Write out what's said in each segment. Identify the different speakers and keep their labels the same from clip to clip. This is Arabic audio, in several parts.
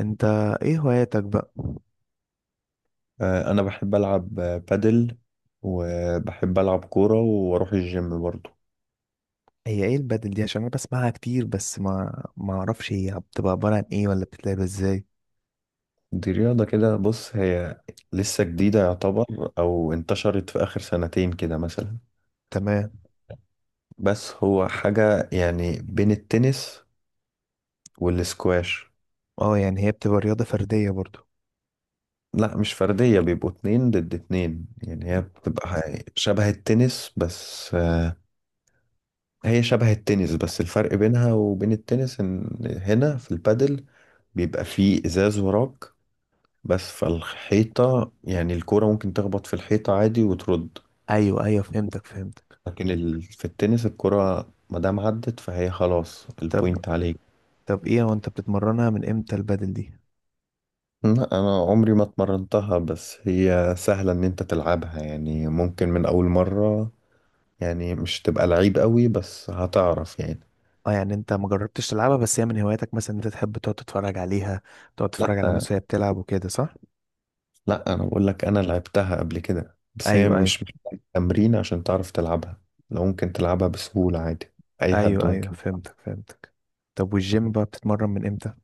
Speaker 1: انت، ايه هواياتك بقى؟
Speaker 2: انا بحب العب بادل وبحب العب كورة واروح الجيم برضو.
Speaker 1: هي ايه البدل دي؟ عشان انا بسمعها كتير بس ما اعرفش هي بتبقى عبارة عن ايه ولا بتتلعب ازاي.
Speaker 2: دي رياضة كده، بص هي لسه جديدة يعتبر، او انتشرت في اخر سنتين كده مثلا.
Speaker 1: تمام.
Speaker 2: بس هو حاجة يعني بين التنس والسكواش.
Speaker 1: اه يعني هي بتبقى رياضة فردية برضو؟
Speaker 2: لا مش فردية، بيبقوا اتنين ضد اتنين، يعني هي بتبقى شبه التنس بس هي شبه التنس، بس الفرق بينها وبين التنس ان هنا في البادل بيبقى فيه ازاز وراك بس فالحيطة، يعني الكرة ممكن تخبط في الحيطة عادي وترد.
Speaker 1: ايوه ايوه، فهمتك.
Speaker 2: لكن في التنس الكرة مادام عدت فهي خلاص
Speaker 1: طب
Speaker 2: البوينت عليك.
Speaker 1: طب ايه هو؟ انت بتتمرنها من امتى البدل دي؟
Speaker 2: لا انا عمري ما اتمرنتها، بس هي سهلة ان انت تلعبها، يعني ممكن من اول مرة يعني مش تبقى لعيب قوي بس هتعرف يعني.
Speaker 1: اه يعني انت ما جربتش تلعبها، بس هي من هواياتك مثلا؟ انت تحب تقعد تتفرج عليها، تقعد تتفرج على
Speaker 2: لا
Speaker 1: الناس وهي بتلعب وكده، صح؟
Speaker 2: لا، انا بقول لك انا لعبتها قبل كده، بس هي
Speaker 1: ايوه ايوه.
Speaker 2: مش محتاجة تمرين عشان تعرف تلعبها. لو ممكن تلعبها بسهولة عادي، اي حد
Speaker 1: ايوه ايوه،
Speaker 2: ممكن.
Speaker 1: فهمتك. طب والجيم بقى بتتمرن من امتى؟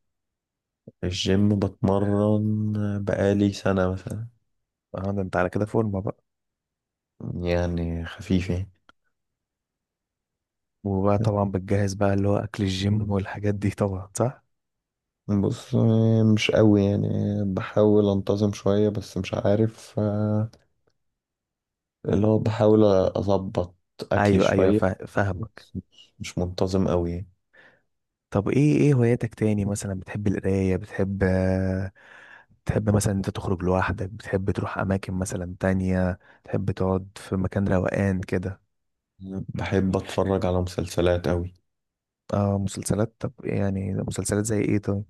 Speaker 2: في الجيم بتمرن بقالي سنة مثلا.
Speaker 1: اه ده انت على كده فورمة بقى.
Speaker 2: يعني خفيف يعني.
Speaker 1: وبقى طبعا بتجهز بقى، اللي هو اكل الجيم والحاجات دي طبعا، صح؟
Speaker 2: بص، مش قوي يعني، بحاول انتظم شوية بس مش عارف، اللي هو بحاول أظبط أكلي
Speaker 1: ايوه ايوه،
Speaker 2: شوية،
Speaker 1: فاهمك.
Speaker 2: بس مش منتظم قوي.
Speaker 1: طب ايه؟ ايه هواياتك تاني مثلا؟ بتحب القرايه؟ بتحب، بتحب مثلا انت تخرج لوحدك؟ بتحب تروح اماكن مثلا تانية؟ تحب تقعد في مكان روقان كده؟
Speaker 2: يعني بحب أتفرج على مسلسلات قوي.
Speaker 1: اه مسلسلات، طب يعني مسلسلات زي ايه طب؟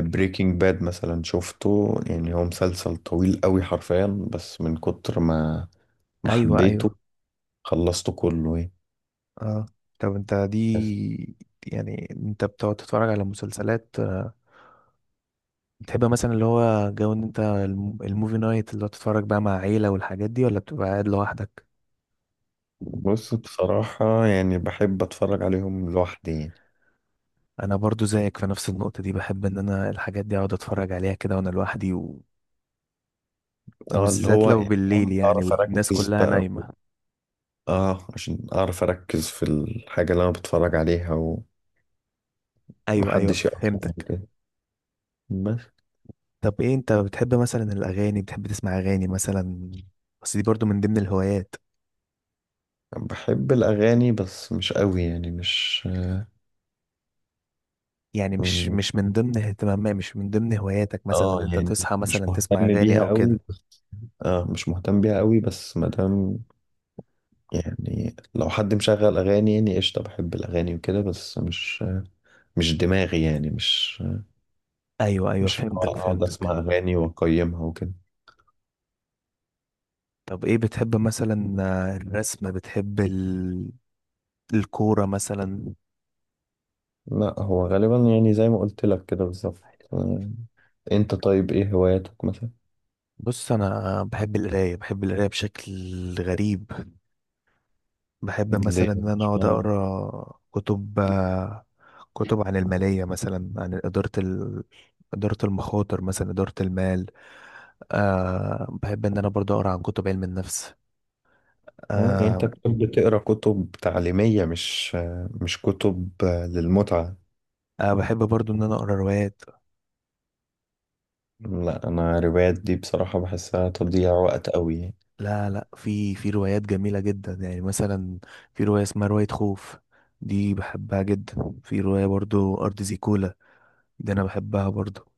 Speaker 2: بريكنج باد مثلا شفته، يعني هو مسلسل طويل قوي حرفيا، بس من كتر ما
Speaker 1: ايوه
Speaker 2: حبيته
Speaker 1: ايوه.
Speaker 2: خلصته كله.
Speaker 1: اه. طب انت
Speaker 2: يعني
Speaker 1: دي، يعني انت بتقعد تتفرج على مسلسلات، بتحب مثلا اللي هو جو ان انت الموفي نايت اللي هو تتفرج بقى مع عيلة والحاجات دي، ولا بتبقى قاعد لوحدك؟
Speaker 2: بص، بصراحة يعني بحب أتفرج عليهم لوحدي يعني.
Speaker 1: انا برضو زيك في نفس النقطة دي، بحب ان انا الحاجات دي اقعد اتفرج عليها كده وانا لوحدي، و...
Speaker 2: اه اللي
Speaker 1: وبالذات
Speaker 2: هو
Speaker 1: لو
Speaker 2: يعني
Speaker 1: بالليل
Speaker 2: فاهم،
Speaker 1: يعني
Speaker 2: أعرف
Speaker 1: والناس
Speaker 2: أركز
Speaker 1: كلها
Speaker 2: بقى و-
Speaker 1: نايمة.
Speaker 2: اه عشان أعرف أركز في الحاجة اللي أنا بتفرج عليها
Speaker 1: ايوه ايوه
Speaker 2: ومحدش يقطعني
Speaker 1: فهمتك.
Speaker 2: كده بس.
Speaker 1: طب ايه؟ انت بتحب مثلا الاغاني؟ بتحب تسمع اغاني مثلا؟ بس دي برضو من ضمن الهوايات.
Speaker 2: بحب الأغاني بس مش قوي يعني مش.
Speaker 1: يعني مش من ضمن اهتمامات، مش من ضمن هواياتك مثلا، ان
Speaker 2: اه
Speaker 1: انت
Speaker 2: يعني
Speaker 1: تصحى
Speaker 2: مش
Speaker 1: مثلا تسمع
Speaker 2: مهتم
Speaker 1: اغاني
Speaker 2: بيها
Speaker 1: او كده؟
Speaker 2: قوي بس. اه مش مهتم بيها قوي بس مادام، يعني لو حد مشغل أغاني يعني قشطة، بحب الأغاني وكده بس مش، مش دماغي، يعني مش،
Speaker 1: ايوه ايوه،
Speaker 2: مش اللي
Speaker 1: فهمتك
Speaker 2: هو اقعد اسمع
Speaker 1: فهمتك
Speaker 2: اغاني واقيمها وكده.
Speaker 1: طب ايه بتحب مثلا؟ الرسم؟ بتحب الكورة مثلا؟
Speaker 2: لا هو غالبا يعني زي ما قلت لك كده بالظبط. آه، انت طيب ايه هواياتك مثلا؟
Speaker 1: بص، انا بحب القراية، بحب القراية بشكل غريب. بحب مثلا
Speaker 2: ليه
Speaker 1: ان انا
Speaker 2: مش
Speaker 1: اقعد
Speaker 2: معنى.
Speaker 1: اقرا كتب، كتب عن المالية مثلا، عن إدارة إدارة المخاطر مثلا، إدارة المال. أه، بحب إن أنا برضو أقرأ عن كتب علم النفس.
Speaker 2: يعني انت
Speaker 1: أه.
Speaker 2: كنت بتقرا كتب تعليمية، مش مش كتب للمتعة.
Speaker 1: أه، بحب برضو إن أنا أقرأ روايات.
Speaker 2: لا انا روايات دي بصراحة بحسها تضييع وقت قوي يعني.
Speaker 1: لا لا، في روايات جميلة جدا يعني. مثلا في رواية اسمها رواية خوف، دي بحبها جدا. في رواية برضو أرض زيكولا، دي أنا بحبها برضو.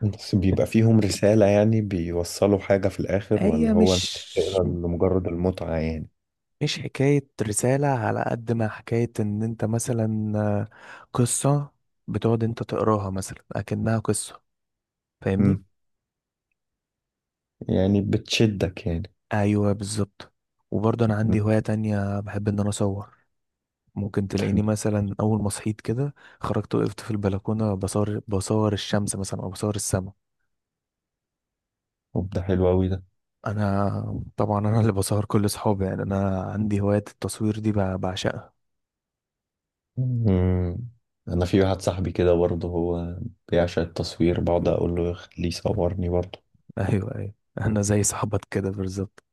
Speaker 2: بس بيبقى فيهم رسالة يعني بيوصلوا حاجة في الاخر، ولا
Speaker 1: هي
Speaker 2: هو انت
Speaker 1: مش،
Speaker 2: بتقرا لمجرد المتعة يعني؟
Speaker 1: مش حكاية رسالة، على قد ما حكاية إن أنت مثلا، قصة بتقعد أنت تقراها مثلا أكنها قصة. فاهمني؟
Speaker 2: مم. يعني بتشدك يعني.
Speaker 1: أيوه بالظبط. وبرضه أنا عندي هواية تانية، بحب إن أنا أصور. ممكن
Speaker 2: بتحب.
Speaker 1: تلاقيني مثلا اول ما صحيت كده خرجت وقفت في البلكونه بصور، بصور الشمس مثلا او بصور السماء.
Speaker 2: طب ده حلو قوي ده.
Speaker 1: انا طبعا انا اللي بصور كل صحابي، يعني انا عندي هوايه التصوير دي بعشقها.
Speaker 2: مم. انا في واحد صاحبي كده برضه، هو بيعشق التصوير، بقعد اقول له خليه يصورني برضه.
Speaker 1: ايوه ايوه، انا زي صاحبك كده بالظبط.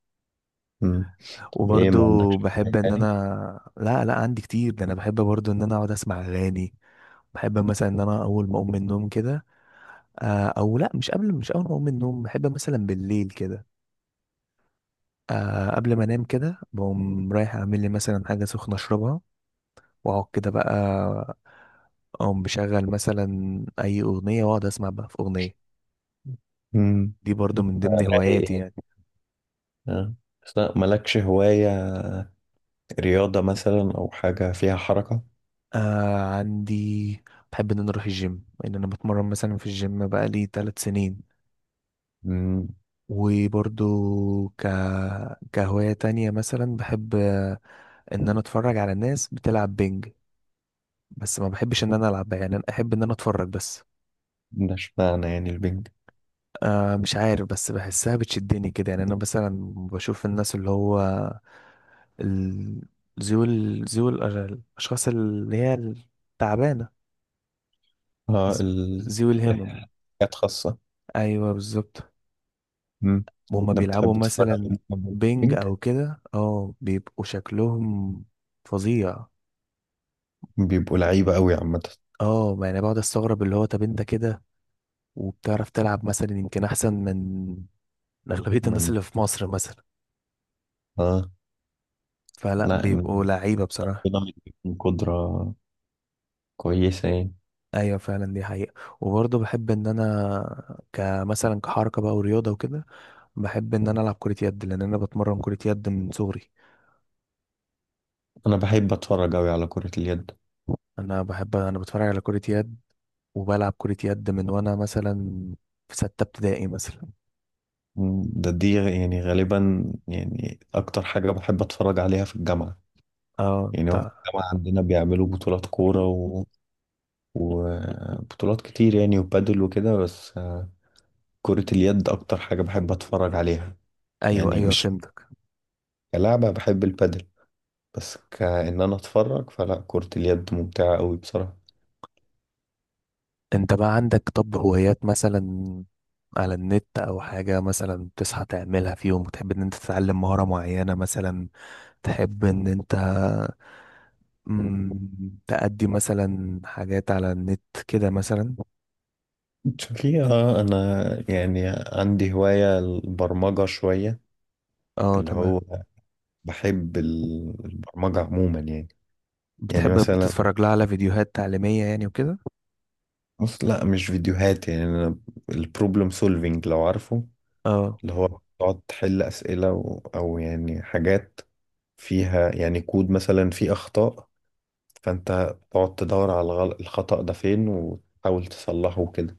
Speaker 2: مم. طب ايه ما
Speaker 1: وبرضو
Speaker 2: عندكش
Speaker 1: بحب
Speaker 2: هواية
Speaker 1: ان انا،
Speaker 2: يعني؟
Speaker 1: لا لا عندي كتير، ده انا بحب برضو ان انا اقعد اسمع اغاني. بحب مثلا ان انا اول ما اقوم من النوم كده، آه، او لا مش قبل، مش اول ما اقوم من النوم، بحب مثلا بالليل كده، آه قبل ما انام كده، بقوم رايح اعمل لي مثلا حاجه سخنه اشربها، واقعد كده بقى اقوم بشغل مثلا اي اغنيه، واقعد اسمع بقى في اغنيه.
Speaker 2: مم.
Speaker 1: دي برضو من ضمن
Speaker 2: رايق
Speaker 1: هواياتي
Speaker 2: يعني.
Speaker 1: يعني.
Speaker 2: آه. بس لا، مالكش هواية رياضة مثلا او حاجة فيها حركة؟
Speaker 1: آه عندي، بحب ان انا اروح الجيم، ان انا بتمرن مثلا في الجيم بقى لي 3 سنين.
Speaker 2: مم.
Speaker 1: وبرضو ك... كهواية تانية مثلا بحب، ان انا اتفرج على الناس بتلعب بينج، بس ما بحبش ان انا العب، يعني انا احب ان انا اتفرج بس.
Speaker 2: ده اشمعنى يعني البنج؟
Speaker 1: آه مش عارف، بس بحسها بتشدني كده. يعني انا مثلا بشوف الناس، اللي هو ال- ذوي الاشخاص اللي هي التعبانه،
Speaker 2: اه
Speaker 1: ز- ذوي الهمم.
Speaker 2: حاجات خاصة.
Speaker 1: ايوه بالظبط.
Speaker 2: مم.
Speaker 1: وهما
Speaker 2: انا بتحب
Speaker 1: بيلعبوا
Speaker 2: تتفرج
Speaker 1: مثلا
Speaker 2: على
Speaker 1: بينج
Speaker 2: البنج؟
Speaker 1: او كده، اه بيبقوا شكلهم فظيع.
Speaker 2: بيبقوا لعيبة قوي عامة.
Speaker 1: اه يعني بقعد استغرب، اللي هو طب انت كده وبتعرف تلعب مثلا يمكن احسن من اغلبيه الناس
Speaker 2: من
Speaker 1: اللي في مصر مثلا؟
Speaker 2: اه.
Speaker 1: فلا،
Speaker 2: لا إن-
Speaker 1: بيبقوا لعيبه بصراحه.
Speaker 2: ربنا مديهم قدرة كويسة يعني.
Speaker 1: ايوه فعلا، دي حقيقة. وبرضه بحب ان انا كمثلا، كحركة بقى ورياضة وكده، بحب ان انا العب كرة يد، لان انا بتمرن كرة يد من صغري.
Speaker 2: انا بحب اتفرج اوي على كرة اليد.
Speaker 1: انا بحب، انا بتفرج على كرة يد، وبلعب كرة يد من وانا مثلا في ستة ابتدائي مثلا.
Speaker 2: مم، ده دي يعني غالبا يعني اكتر حاجة بحب اتفرج عليها في الجامعة.
Speaker 1: اه
Speaker 2: يعني هو في
Speaker 1: انت.
Speaker 2: الجامعة عندنا بيعملوا بطولات كورة وبطولات كتير يعني وبادل وكده، بس كرة اليد اكتر حاجة بحب اتفرج عليها.
Speaker 1: ايوه
Speaker 2: يعني
Speaker 1: ايوه
Speaker 2: مش
Speaker 1: فهمتك.
Speaker 2: كلعبة، بحب البادل، بس كأن انا اتفرج فلا كرة اليد ممتعة اوي بصراحة.
Speaker 1: انت بقى عندك طب هوايات مثلا على النت، او حاجة مثلا بتصحى تعملها في يوم وتحب ان انت تتعلم مهارة معينة مثلا؟ تحب ان انت، مم، تأدي مثلا حاجات على النت كده مثلا؟
Speaker 2: شوفي اه، انا يعني عندي هواية البرمجة شوية.
Speaker 1: اه
Speaker 2: اللي
Speaker 1: تمام.
Speaker 2: هو بحب البرمجة عموما يعني. يعني
Speaker 1: بتحب
Speaker 2: مثلا
Speaker 1: بتتفرج لها على فيديوهات تعليمية يعني وكده؟
Speaker 2: بص، لا مش فيديوهات، يعني أنا البروبلم سولفينج لو عارفه،
Speaker 1: اه.
Speaker 2: اللي هو تقعد تحل أسئلة أو يعني حاجات فيها يعني كود مثلا فيه أخطاء، فأنت تقعد تدور على الخطأ ده فين وتحاول تصلحه كده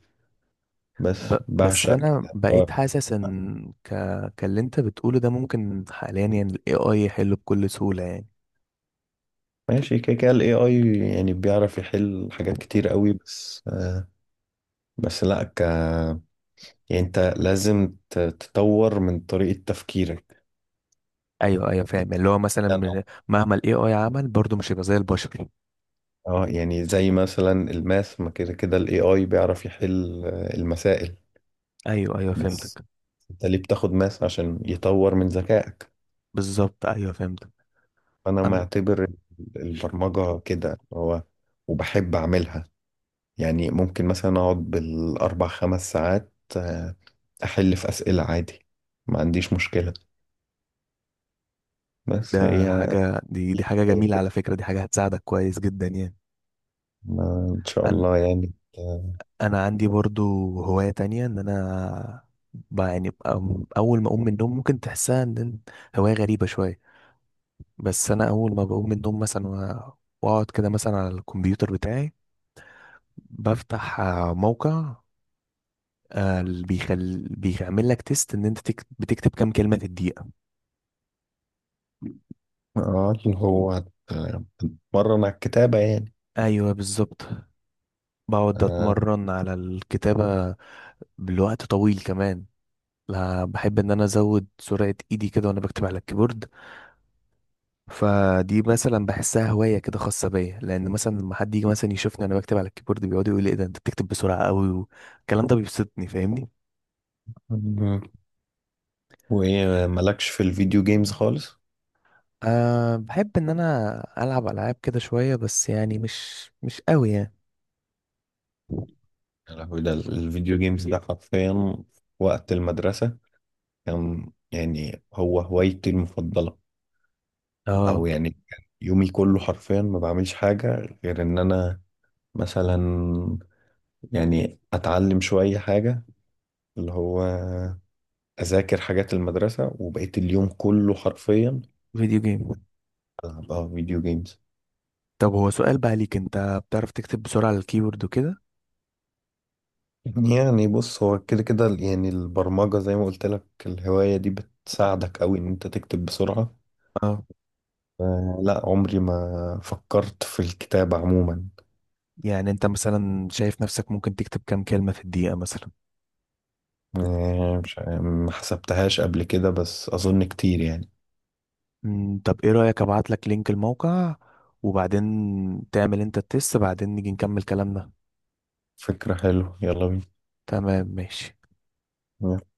Speaker 2: بس.
Speaker 1: بس
Speaker 2: بعشق
Speaker 1: انا
Speaker 2: كده هو.
Speaker 1: بقيت حاسس ان كاللي انت بتقوله ده ممكن حاليا يعني ال AI يحله بكل سهولة يعني.
Speaker 2: ماشي، كده كده ال AI يعني بيعرف يحل حاجات كتير قوي، بس بس لا ك... يعني انت لازم تطور من طريقة تفكيرك
Speaker 1: ايوه ايوه
Speaker 2: يعني.
Speaker 1: فاهم، اللي هو مثلا مهما ال AI عمل برضه مش هيبقى زي البشر.
Speaker 2: اه يعني زي مثلا الماث، ما كده كده الاي اي بيعرف يحل، آه، المسائل
Speaker 1: ايوه ايوه
Speaker 2: بس.
Speaker 1: فهمتك.
Speaker 2: انت ليه بتاخد ماث؟ عشان يطور من ذكائك.
Speaker 1: بالظبط ايوه فهمتك.
Speaker 2: انا
Speaker 1: أن...
Speaker 2: معتبر البرمجة كده هو، وبحب اعملها. يعني ممكن مثلا اقعد بالاربع خمس ساعات، احل في اسئلة عادي، ما عنديش مشكلة بس هي.
Speaker 1: ده حاجة، دي
Speaker 2: هي
Speaker 1: حاجة جميلة
Speaker 2: كده.
Speaker 1: على فكرة، دي حاجة هتساعدك كويس جدا يعني.
Speaker 2: ان شاء
Speaker 1: أنا،
Speaker 2: الله يعني. اه.
Speaker 1: انا عندي برضو هواية تانية، ان انا يعني اول ما اقوم من النوم ممكن تحسها ان إن هواية غريبة شوية، بس انا اول ما بقوم من النوم مثلا واقعد كده مثلا على الكمبيوتر بتاعي، بفتح موقع، اللي بيعمل لك تيست ان انت بتكتب كام كلمة في الدقيقة.
Speaker 2: اللي هو مرن على الكتابة يعني.
Speaker 1: ايوه بالظبط. بقعد اتمرن على الكتابة، بالوقت طويل كمان. لا، بحب ان انا ازود سرعة ايدي كده وانا بكتب على الكيبورد. فدي مثلا بحسها هواية كده خاصة بيا، لأن مثلا لما حد يجي مثلا يشوفني أنا بكتب على الكيبورد، بيقعد يقول لي إيه ده، أنت بتكتب بسرعة أوي، والكلام ده بيبسطني، فاهمني؟
Speaker 2: آه، وايه مالكش في الفيديو جيمز خالص؟
Speaker 1: أه، بحب إن أنا ألعب ألعاب كده شوية بس، يعني مش أوي يعني.
Speaker 2: يا لهوي، ده الفيديو جيمز ده حرفيا في وقت المدرسة كان يعني هو هوايتي المفضلة. او
Speaker 1: اه
Speaker 2: يعني كان يومي كله حرفيا ما بعملش حاجة غير ان انا مثلا، يعني اتعلم شوية حاجة، اللي هو اذاكر حاجات المدرسة، وبقيت اليوم كله حرفيا
Speaker 1: فيديو جيم.
Speaker 2: العب اه فيديو جيمز.
Speaker 1: طب هو سؤال بقى ليك، انت بتعرف تكتب بسرعة على الكيبورد وكده؟
Speaker 2: يعني بص هو كده كده يعني البرمجة زي ما قلت لك، الهواية دي بتساعدك قوي ان انت تكتب بسرعة.
Speaker 1: اه.
Speaker 2: لا عمري ما فكرت في الكتابة عموما.
Speaker 1: يعني انت مثلا شايف نفسك ممكن تكتب كام كلمة في الدقيقة مثلا؟
Speaker 2: آه، مش ع- ما حسبتهاش قبل كده بس أظن كتير يعني.
Speaker 1: مم، طب ايه رأيك ابعت لك لينك الموقع، وبعدين تعمل انت التست، بعدين نيجي نكمل كلامنا.
Speaker 2: فكرة حلوة، يلا
Speaker 1: تمام ماشي.
Speaker 2: بينا.